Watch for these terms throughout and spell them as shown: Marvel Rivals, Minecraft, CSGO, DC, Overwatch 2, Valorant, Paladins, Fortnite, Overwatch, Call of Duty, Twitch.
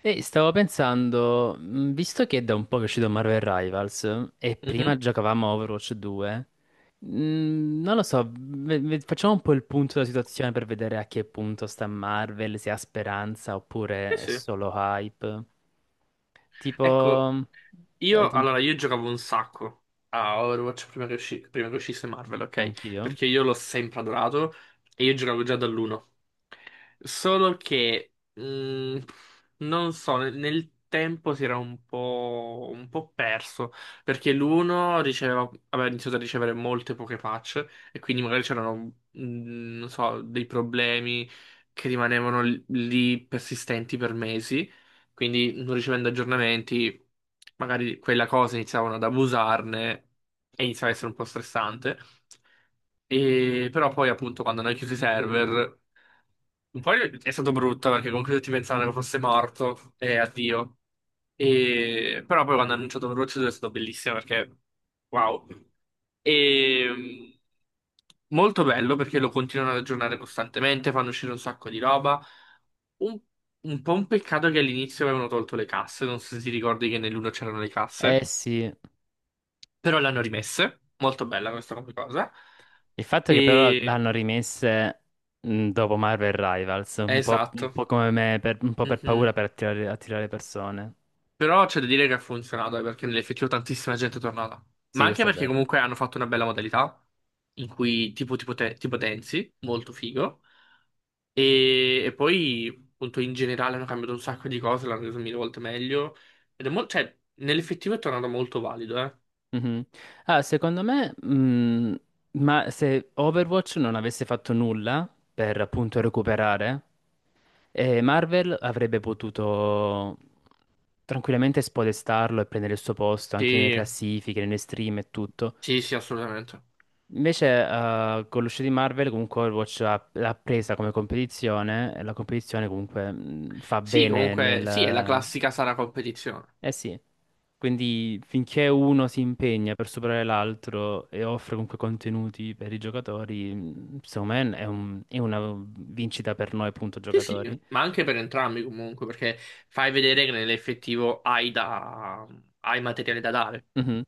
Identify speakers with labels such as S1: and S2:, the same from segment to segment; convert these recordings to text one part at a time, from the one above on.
S1: E stavo pensando, visto che è da un po' che è uscito Marvel Rivals e prima
S2: Mhm.
S1: giocavamo a Overwatch 2, non lo so, facciamo un po' il punto della situazione per vedere a che punto sta Marvel, se ha speranza
S2: Sì,
S1: oppure è
S2: sì.
S1: solo hype. Tipo,
S2: Ecco,
S1: eh,
S2: io
S1: ti-
S2: allora io giocavo un sacco a Overwatch prima che, prima che uscisse Marvel, ok?
S1: anch'io.
S2: Perché io l'ho sempre adorato e io giocavo già dall'uno. Solo che, mm, non so, nel, nel tempo si era un po' perso, perché l'uno riceveva, aveva iniziato a ricevere molte poche patch, e quindi magari c'erano, non so, dei problemi che rimanevano lì persistenti per mesi, quindi non ricevendo aggiornamenti, magari quella cosa iniziavano ad abusarne e iniziava a essere un po' stressante. E però poi appunto quando hanno chiuso i server poi è stato brutto perché comunque tutti pensavano che fosse morto e addio. Però poi quando hanno annunciato Overwatch 2 è stato bellissimo perché wow. E... mh, Molto bello perché lo continuano ad aggiornare costantemente, fanno uscire un sacco di roba. Un, un po' un peccato che all'inizio avevano tolto le casse, non so se ti ricordi che nell'uno c'erano le casse,
S1: Eh sì,
S2: però le hanno rimesse. Molto bella questa come cosa.
S1: il fatto è che però
S2: E...
S1: l'hanno rimesse dopo Marvel Rivals, un
S2: Esatto.
S1: po' come me, un po' per paura
S2: Mhm.
S1: per attirare persone.
S2: Però c'è da dire che ha funzionato, perché nell'effettivo tantissima gente è tornata. Ma
S1: Sì,
S2: anche
S1: questo è
S2: perché
S1: vero.
S2: comunque hanno fatto una bella modalità, in cui tipo ti potenzi, molto figo. E poi, appunto, in generale hanno cambiato un sacco di cose, l'hanno reso mille volte meglio. Ed è molto, cioè, nell'effettivo è tornato molto valido, eh.
S1: Mhm. Ah, secondo me, ma se Overwatch non avesse fatto nulla per appunto recuperare, Marvel avrebbe potuto tranquillamente spodestarlo e prendere il suo posto anche nelle
S2: Sì,
S1: classifiche, nelle stream e tutto.
S2: sì, sì, assolutamente.
S1: Invece, con l'uscita di Marvel, comunque Overwatch l'ha presa come competizione e la competizione comunque fa
S2: Sì,
S1: bene nel,
S2: comunque, sì, è la classica sana competizione.
S1: eh sì, quindi finché uno si impegna per superare l'altro e offre comunque contenuti per i giocatori, secondo me è è una vincita per noi, appunto,
S2: Sì, sì,
S1: giocatori.
S2: ma anche per entrambi comunque, perché fai vedere che nell'effettivo hai materiale da dare.
S1: Mhm.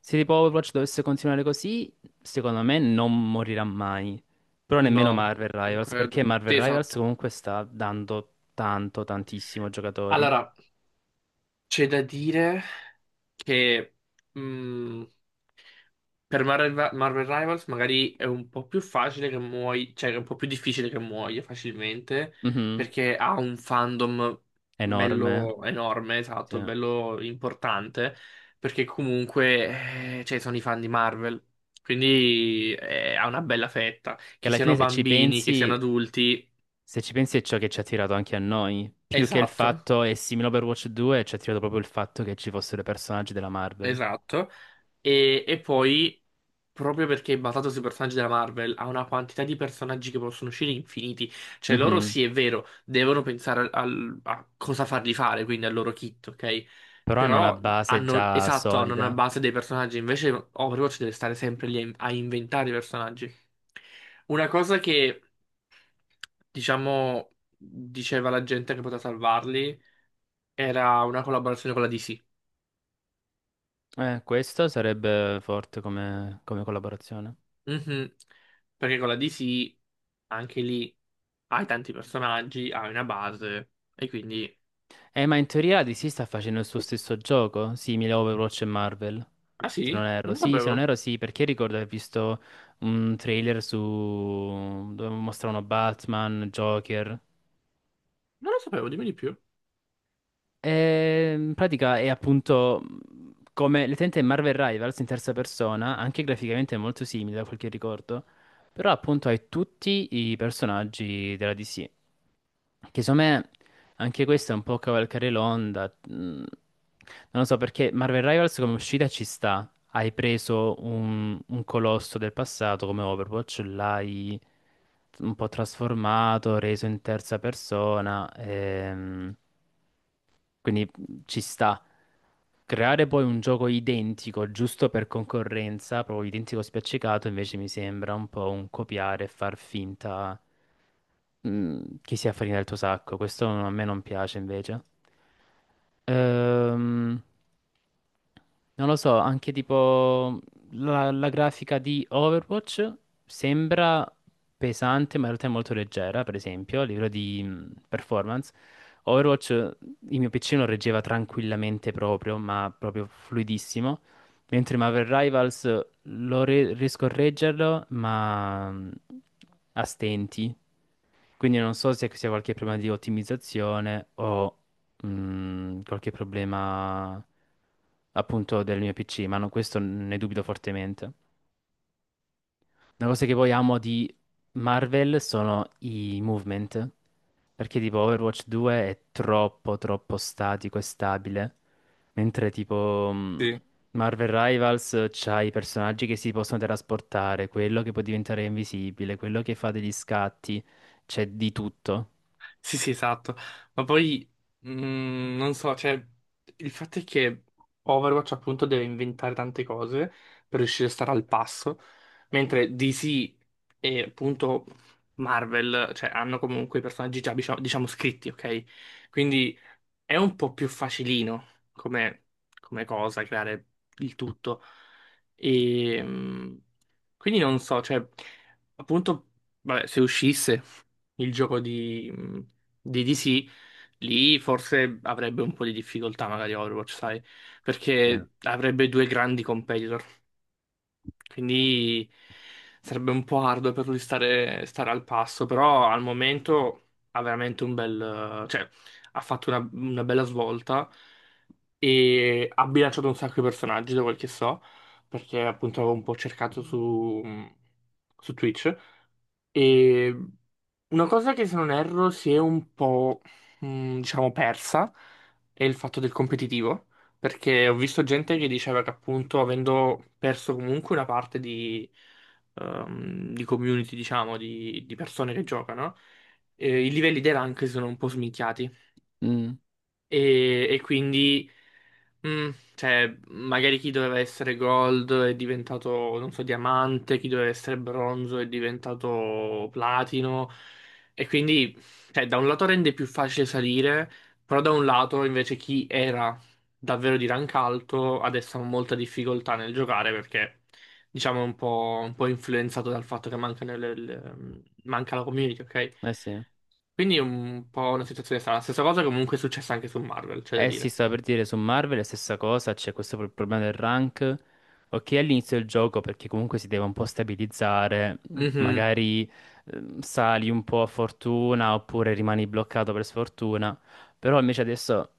S1: Se tipo Overwatch dovesse continuare così, secondo me non morirà mai. Però nemmeno
S2: No,
S1: Marvel
S2: non
S1: Rivals, perché
S2: credo.
S1: Marvel
S2: Sì,
S1: Rivals
S2: esatto.
S1: comunque sta dando tanto, tantissimo ai giocatori.
S2: Allora, c'è da dire che mh, per Marvel Rivals magari è un po' più facile che muoia, cioè è un po' più difficile che muoia facilmente,
S1: Mhm.
S2: perché ha un fandom
S1: Enorme.
S2: bello enorme, esatto,
S1: Sì.
S2: bello importante, perché comunque cioè, sono i fan di Marvel, quindi ha una bella fetta,
S1: Che
S2: che
S1: alla
S2: siano
S1: fine se ci
S2: bambini, che
S1: pensi
S2: siano adulti,
S1: Se ci pensi è ciò che ci ha attirato anche a noi, più che il
S2: esatto.
S1: fatto, è simile a Overwatch 2, ci ha attirato proprio il fatto che ci fossero i personaggi della Marvel.
S2: Esatto. E poi, proprio perché è basato sui personaggi della Marvel, ha una quantità di personaggi che possono uscire infiniti. Cioè, loro
S1: Mhm.
S2: sì, è vero, devono pensare a cosa farli fare, quindi al loro kit, ok?
S1: Però hanno una
S2: Però
S1: base
S2: hanno,
S1: già
S2: esatto, hanno una
S1: solida.
S2: base dei personaggi. Invece, Overwatch deve stare sempre lì a inventare i personaggi. Una cosa che, diciamo, diceva la gente che poteva salvarli era una collaborazione con la DC.
S1: Questo sarebbe forte come, come collaborazione.
S2: Mhm. Perché con la DC anche lì hai tanti personaggi, hai una base e quindi...
S1: Ma in teoria la DC sta facendo il suo stesso gioco, simile a Overwatch e Marvel.
S2: Ah
S1: Se
S2: sì?
S1: non erro,
S2: Non lo
S1: sì, se non
S2: sapevo.
S1: erro sì, perché ricordo di aver visto un trailer su dove mostravano Batman, Joker.
S2: Non lo sapevo, dimmi di più.
S1: In pratica è appunto come l'utente Marvel Rivals in terza persona, anche graficamente è molto simile da quel che ricordo, però appunto hai tutti i personaggi della DC, che secondo me anche questo è un po' cavalcare l'onda, non lo so perché Marvel Rivals come uscita ci sta, hai preso un colosso del passato come Overwatch, l'hai un po' trasformato, reso in terza persona. Quindi ci sta. Creare poi un gioco identico, giusto per concorrenza, proprio identico spiaccicato, invece mi sembra un po' un copiare e far finta chi si affarina del tuo sacco, questo a me non piace invece. Ehm, non lo so, anche tipo la grafica di Overwatch sembra pesante, ma in realtà è molto leggera, per esempio, a livello di performance. Overwatch, il mio PC lo reggeva tranquillamente proprio, ma proprio fluidissimo. Mentre Marvel Rivals riesco a reggerlo, ma a stenti. Quindi non so se sia qualche problema di ottimizzazione o qualche problema appunto del mio PC, ma questo ne dubito fortemente. Una cosa che poi amo di Marvel sono i movement, perché tipo Overwatch 2 è troppo statico e stabile, mentre tipo Marvel Rivals c'ha i personaggi che si possono trasportare, quello che può diventare invisibile, quello che fa degli scatti, c'è di tutto.
S2: Sì, sì, esatto. Ma poi, non so, cioè, il fatto è che Overwatch appunto deve inventare tante cose per riuscire a stare al passo, mentre DC e appunto Marvel, cioè, hanno comunque i personaggi già, diciamo scritti, ok? Quindi è un po' più facilino come, come cosa creare il tutto. E, quindi non so, cioè, appunto, vabbè, se uscisse il gioco di DC, lì forse avrebbe un po' di difficoltà magari Overwatch, sai,
S1: Eh,
S2: perché avrebbe due grandi competitor. Quindi sarebbe un po' arduo per lui stare al passo, però al momento ha veramente cioè ha fatto una bella svolta e ha bilanciato un sacco di personaggi, da quel che so, perché appunto avevo un po' cercato su Twitch e una cosa che se non erro si è un po', diciamo, persa è il fatto del competitivo, perché ho visto gente che diceva che appunto avendo perso comunque una parte di community, diciamo, di persone che giocano, i livelli dei rank sono un po' sminchiati.
S1: Mm,
S2: E quindi, mm, cioè, magari chi doveva essere gold è diventato, non so, diamante, chi doveva essere bronzo è diventato platino. E quindi, cioè, da un lato rende più facile salire, però da un lato invece chi era davvero di rank alto adesso ha molta difficoltà nel giocare perché, diciamo, è un po' influenzato dal fatto che manca la community, ok?
S1: eh sì.
S2: Quindi è un po' una situazione strana. Stessa cosa comunque è successa anche su Marvel, c'è da
S1: Eh sì,
S2: dire.
S1: stavo per dire su Marvel è la stessa cosa, c'è questo problema del rank. Ok, all'inizio del gioco perché comunque si deve un po' stabilizzare,
S2: Mhm,
S1: magari sali un po' a fortuna oppure rimani bloccato per sfortuna, però invece adesso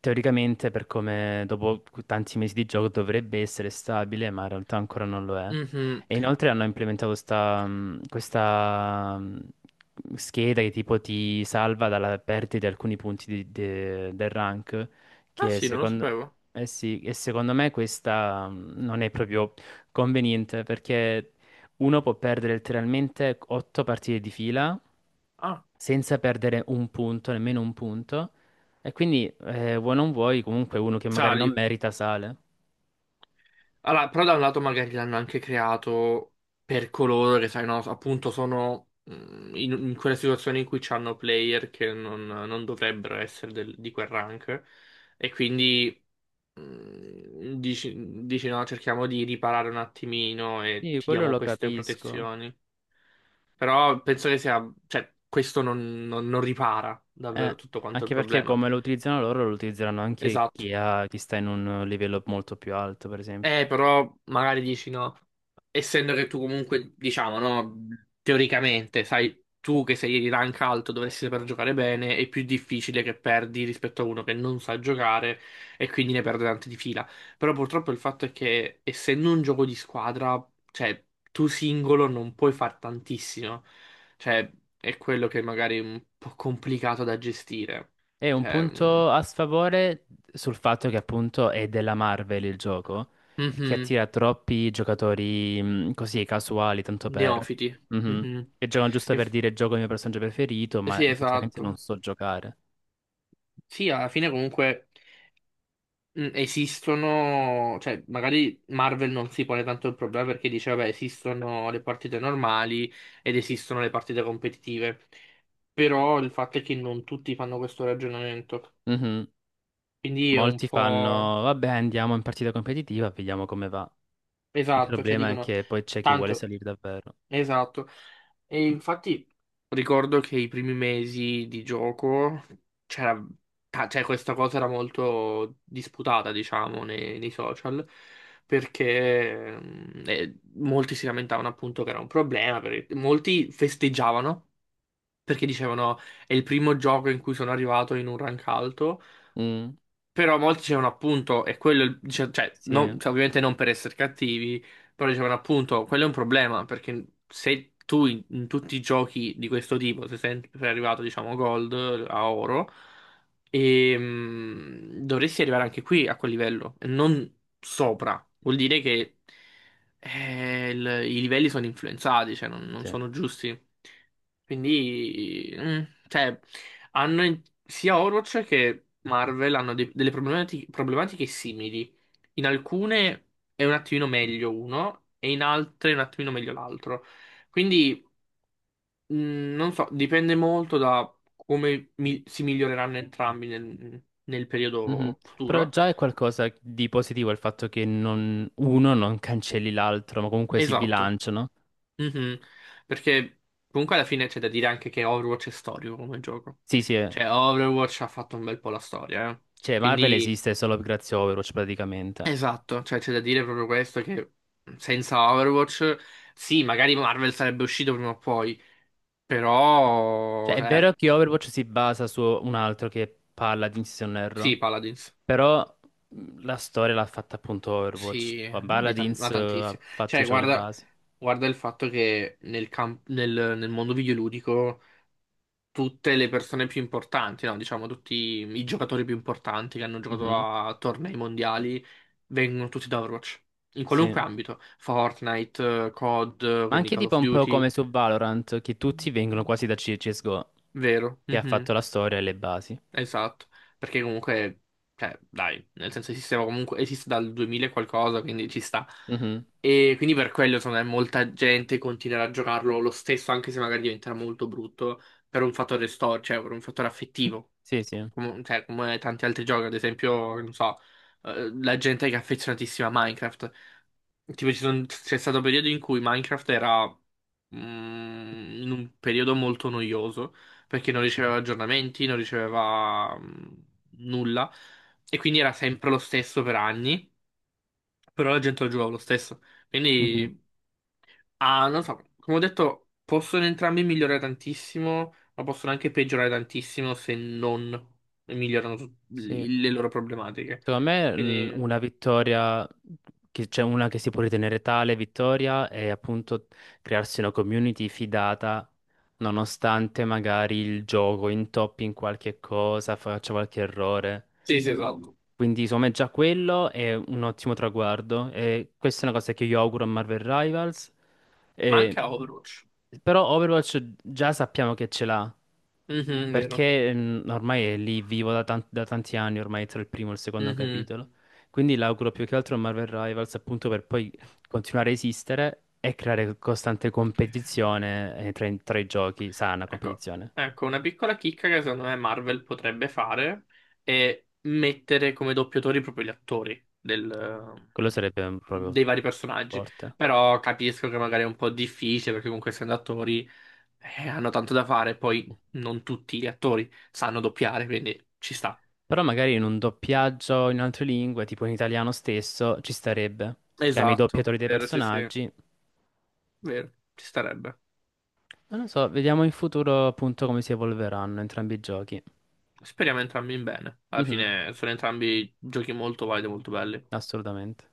S1: teoricamente per come dopo tanti mesi di gioco dovrebbe essere stabile, ma in realtà ancora non lo è.
S2: mhm.
S1: E inoltre hanno implementato questa scheda che tipo ti salva dalla perdita di alcuni punti del rank,
S2: Ah
S1: che
S2: sì, non lo
S1: secondo,
S2: sapevo.
S1: eh sì, e secondo me questa non è proprio conveniente perché uno può perdere letteralmente 8 partite di fila
S2: Ah,
S1: senza perdere un punto, nemmeno un punto, e quindi vuoi non vuoi comunque uno che magari non
S2: sali.
S1: merita sale.
S2: Allora, però da un lato magari l'hanno anche creato per coloro che, sai, no, appunto sono in quelle situazioni in cui c'hanno player che non dovrebbero essere di quel rank. E quindi dici no, cerchiamo di riparare un attimino e
S1: Sì,
S2: ti
S1: quello
S2: diamo
S1: lo
S2: queste
S1: capisco.
S2: protezioni. Però penso che sia, cioè, questo non ripara
S1: Eh,
S2: davvero tutto quanto il
S1: anche perché
S2: problema.
S1: come lo utilizzano loro, lo utilizzeranno anche
S2: Esatto.
S1: chi chi sta in un livello molto più alto, per esempio.
S2: Però magari dici no, essendo che tu comunque, diciamo, no, teoricamente, sai, tu che sei di rank alto dovresti saper giocare bene, è più difficile che perdi rispetto a uno che non sa giocare e quindi ne perde tante di fila. Però purtroppo il fatto è che essendo un gioco di squadra, cioè, tu singolo non puoi far tantissimo. Cioè, è quello che magari è un po' complicato da gestire.
S1: E un
S2: Cioè,
S1: punto a sfavore sul fatto che appunto è della Marvel il gioco e che
S2: mhm,
S1: attira troppi giocatori così casuali, tanto per...
S2: neofiti.
S1: Mhm.
S2: Mhm.
S1: Che giocano giusto per dire gioco il mio personaggio preferito, ma
S2: Sì,
S1: effettivamente non
S2: esatto.
S1: so giocare.
S2: Sì, alla fine comunque esistono, cioè magari Marvel non si pone tanto il problema perché dice, vabbè, esistono le partite normali ed esistono le partite competitive, però il fatto è che non tutti fanno questo ragionamento,
S1: Mhm.
S2: quindi è un
S1: Molti
S2: po'.
S1: fanno, vabbè, andiamo in partita competitiva, vediamo come va. Il
S2: Esatto, cioè
S1: problema è
S2: dicono,
S1: che poi c'è chi vuole
S2: tanto,
S1: salire davvero.
S2: esatto. E infatti ricordo che i primi mesi di gioco c'era, cioè questa cosa era molto disputata, diciamo, nei, nei social, perché molti si lamentavano appunto che era un problema, perché molti festeggiavano perché dicevano è il primo gioco in cui sono arrivato in un rank alto,
S1: Mm,
S2: però molti dicevano appunto, e quello, è cioè,
S1: sì.
S2: cioè, ovviamente non per essere cattivi, però dicevano appunto, quello è un problema, perché se tu in tutti i giochi di questo tipo se sei sempre arrivato, diciamo, gold a oro, dovresti arrivare anche qui a quel livello, e non sopra. Vuol dire che i livelli sono influenzati, cioè non, non
S1: Sì.
S2: sono giusti. Quindi, cioè, hanno sia Overwatch che Marvel hanno delle problematiche, simili. In alcune è un attimino meglio uno, e in altre è un attimino meglio l'altro. Quindi, mh, non so, dipende molto da come si miglioreranno entrambi nel, nel
S1: Mhm.
S2: periodo
S1: Però
S2: futuro.
S1: già è qualcosa di positivo il fatto che uno non cancelli l'altro, ma comunque si
S2: Esatto.
S1: bilanciano.
S2: Mhm. Perché comunque alla fine c'è da dire anche che Overwatch è storico come gioco.
S1: Sì, sì, eh.
S2: Cioè, Overwatch ha fatto un bel po' la storia, eh.
S1: Cioè Marvel
S2: Quindi
S1: esiste solo grazie a Overwatch praticamente.
S2: esatto, cioè c'è da dire proprio questo che senza Overwatch, sì, magari Marvel sarebbe uscito prima o poi, però,
S1: Cioè è
S2: cioè,
S1: vero che Overwatch si basa su un altro che parla di Inz
S2: sì,
S1: Erro,
S2: Paladins,
S1: però la storia l'ha fatta appunto Overwatch.
S2: sì, ma, ma
S1: Paladins ha
S2: tantissimo.
S1: fatto,
S2: Cioè,
S1: diciamo, le
S2: guarda,
S1: basi.
S2: guarda il fatto che nel mondo videoludico tutte le persone più importanti, no, diciamo tutti i giocatori più importanti che hanno giocato
S1: Mhm.
S2: a tornei mondiali vengono tutti da Overwatch, in
S1: Sì.
S2: qualunque
S1: Ma
S2: ambito, Fortnite, COD, quindi
S1: anche
S2: Call
S1: tipo
S2: of
S1: un po'
S2: Duty.
S1: come su Valorant, che tutti vengono quasi da CSGO,
S2: Vero,
S1: che ha
S2: mhm.
S1: fatto la storia e le basi.
S2: Esatto, perché comunque, cioè, dai, nel senso il sistema comunque esiste dal 2000 e qualcosa, quindi ci sta.
S1: Mhm.
S2: E quindi per quello, secondo me, molta gente continuerà a giocarlo lo stesso, anche se magari diventerà molto brutto, per un fattore storico, cioè per un fattore affettivo,
S1: Sì, sì.
S2: come, cioè, come tanti altri giochi, ad esempio, non so, la gente che è affezionatissima a Minecraft. Tipo, c'è stato un periodo in cui Minecraft era in un periodo molto noioso perché non riceveva aggiornamenti, non riceveva nulla e quindi era sempre lo stesso per anni, però la gente lo giocava lo stesso.
S1: Mhm.
S2: Quindi, ah, non so, come ho detto, possono entrambi migliorare tantissimo, ma possono anche peggiorare tantissimo se non migliorano
S1: Sì.
S2: le loro problematiche.
S1: Secondo me
S2: Quindi,
S1: una vittoria, che c'è una che si può ritenere tale vittoria, è appunto crearsi una community fidata, nonostante magari il gioco intoppi in qualche cosa, faccia qualche errore.
S2: sì, sì, esatto.
S1: Quindi secondo me già quello è un ottimo traguardo e questa è una cosa che io auguro a Marvel Rivals.
S2: Ma anche
S1: E-
S2: a Overwatch.
S1: Però Overwatch già sappiamo che ce l'ha,
S2: Mhm, vero.
S1: perché ormai è lì vivo da tanti anni, ormai tra il primo e il secondo
S2: Mhm.
S1: capitolo. Quindi l'auguro più che altro a Marvel Rivals appunto per poi continuare a esistere e creare costante competizione tra i giochi, sana
S2: Ecco,
S1: competizione.
S2: ecco, una piccola chicca che secondo me Marvel potrebbe fare è mettere come doppiatori proprio gli attori
S1: Quello sarebbe
S2: dei
S1: proprio
S2: vari personaggi.
S1: forte.
S2: Però capisco che magari è un po' difficile perché comunque essendo attori hanno tanto da fare, poi non tutti gli attori sanno doppiare, quindi ci sta.
S1: Però magari in un doppiaggio in altre lingue, tipo in italiano stesso, ci starebbe. Chiami i
S2: Esatto,
S1: doppiatori dei
S2: vero, sì, sì,
S1: personaggi.
S2: vero, ci starebbe.
S1: Non lo so, vediamo in futuro appunto come si evolveranno entrambi i giochi.
S2: Speriamo entrambi in bene. Alla
S1: Mhm,
S2: fine sono entrambi giochi molto validi, e molto belli.
S1: assolutamente.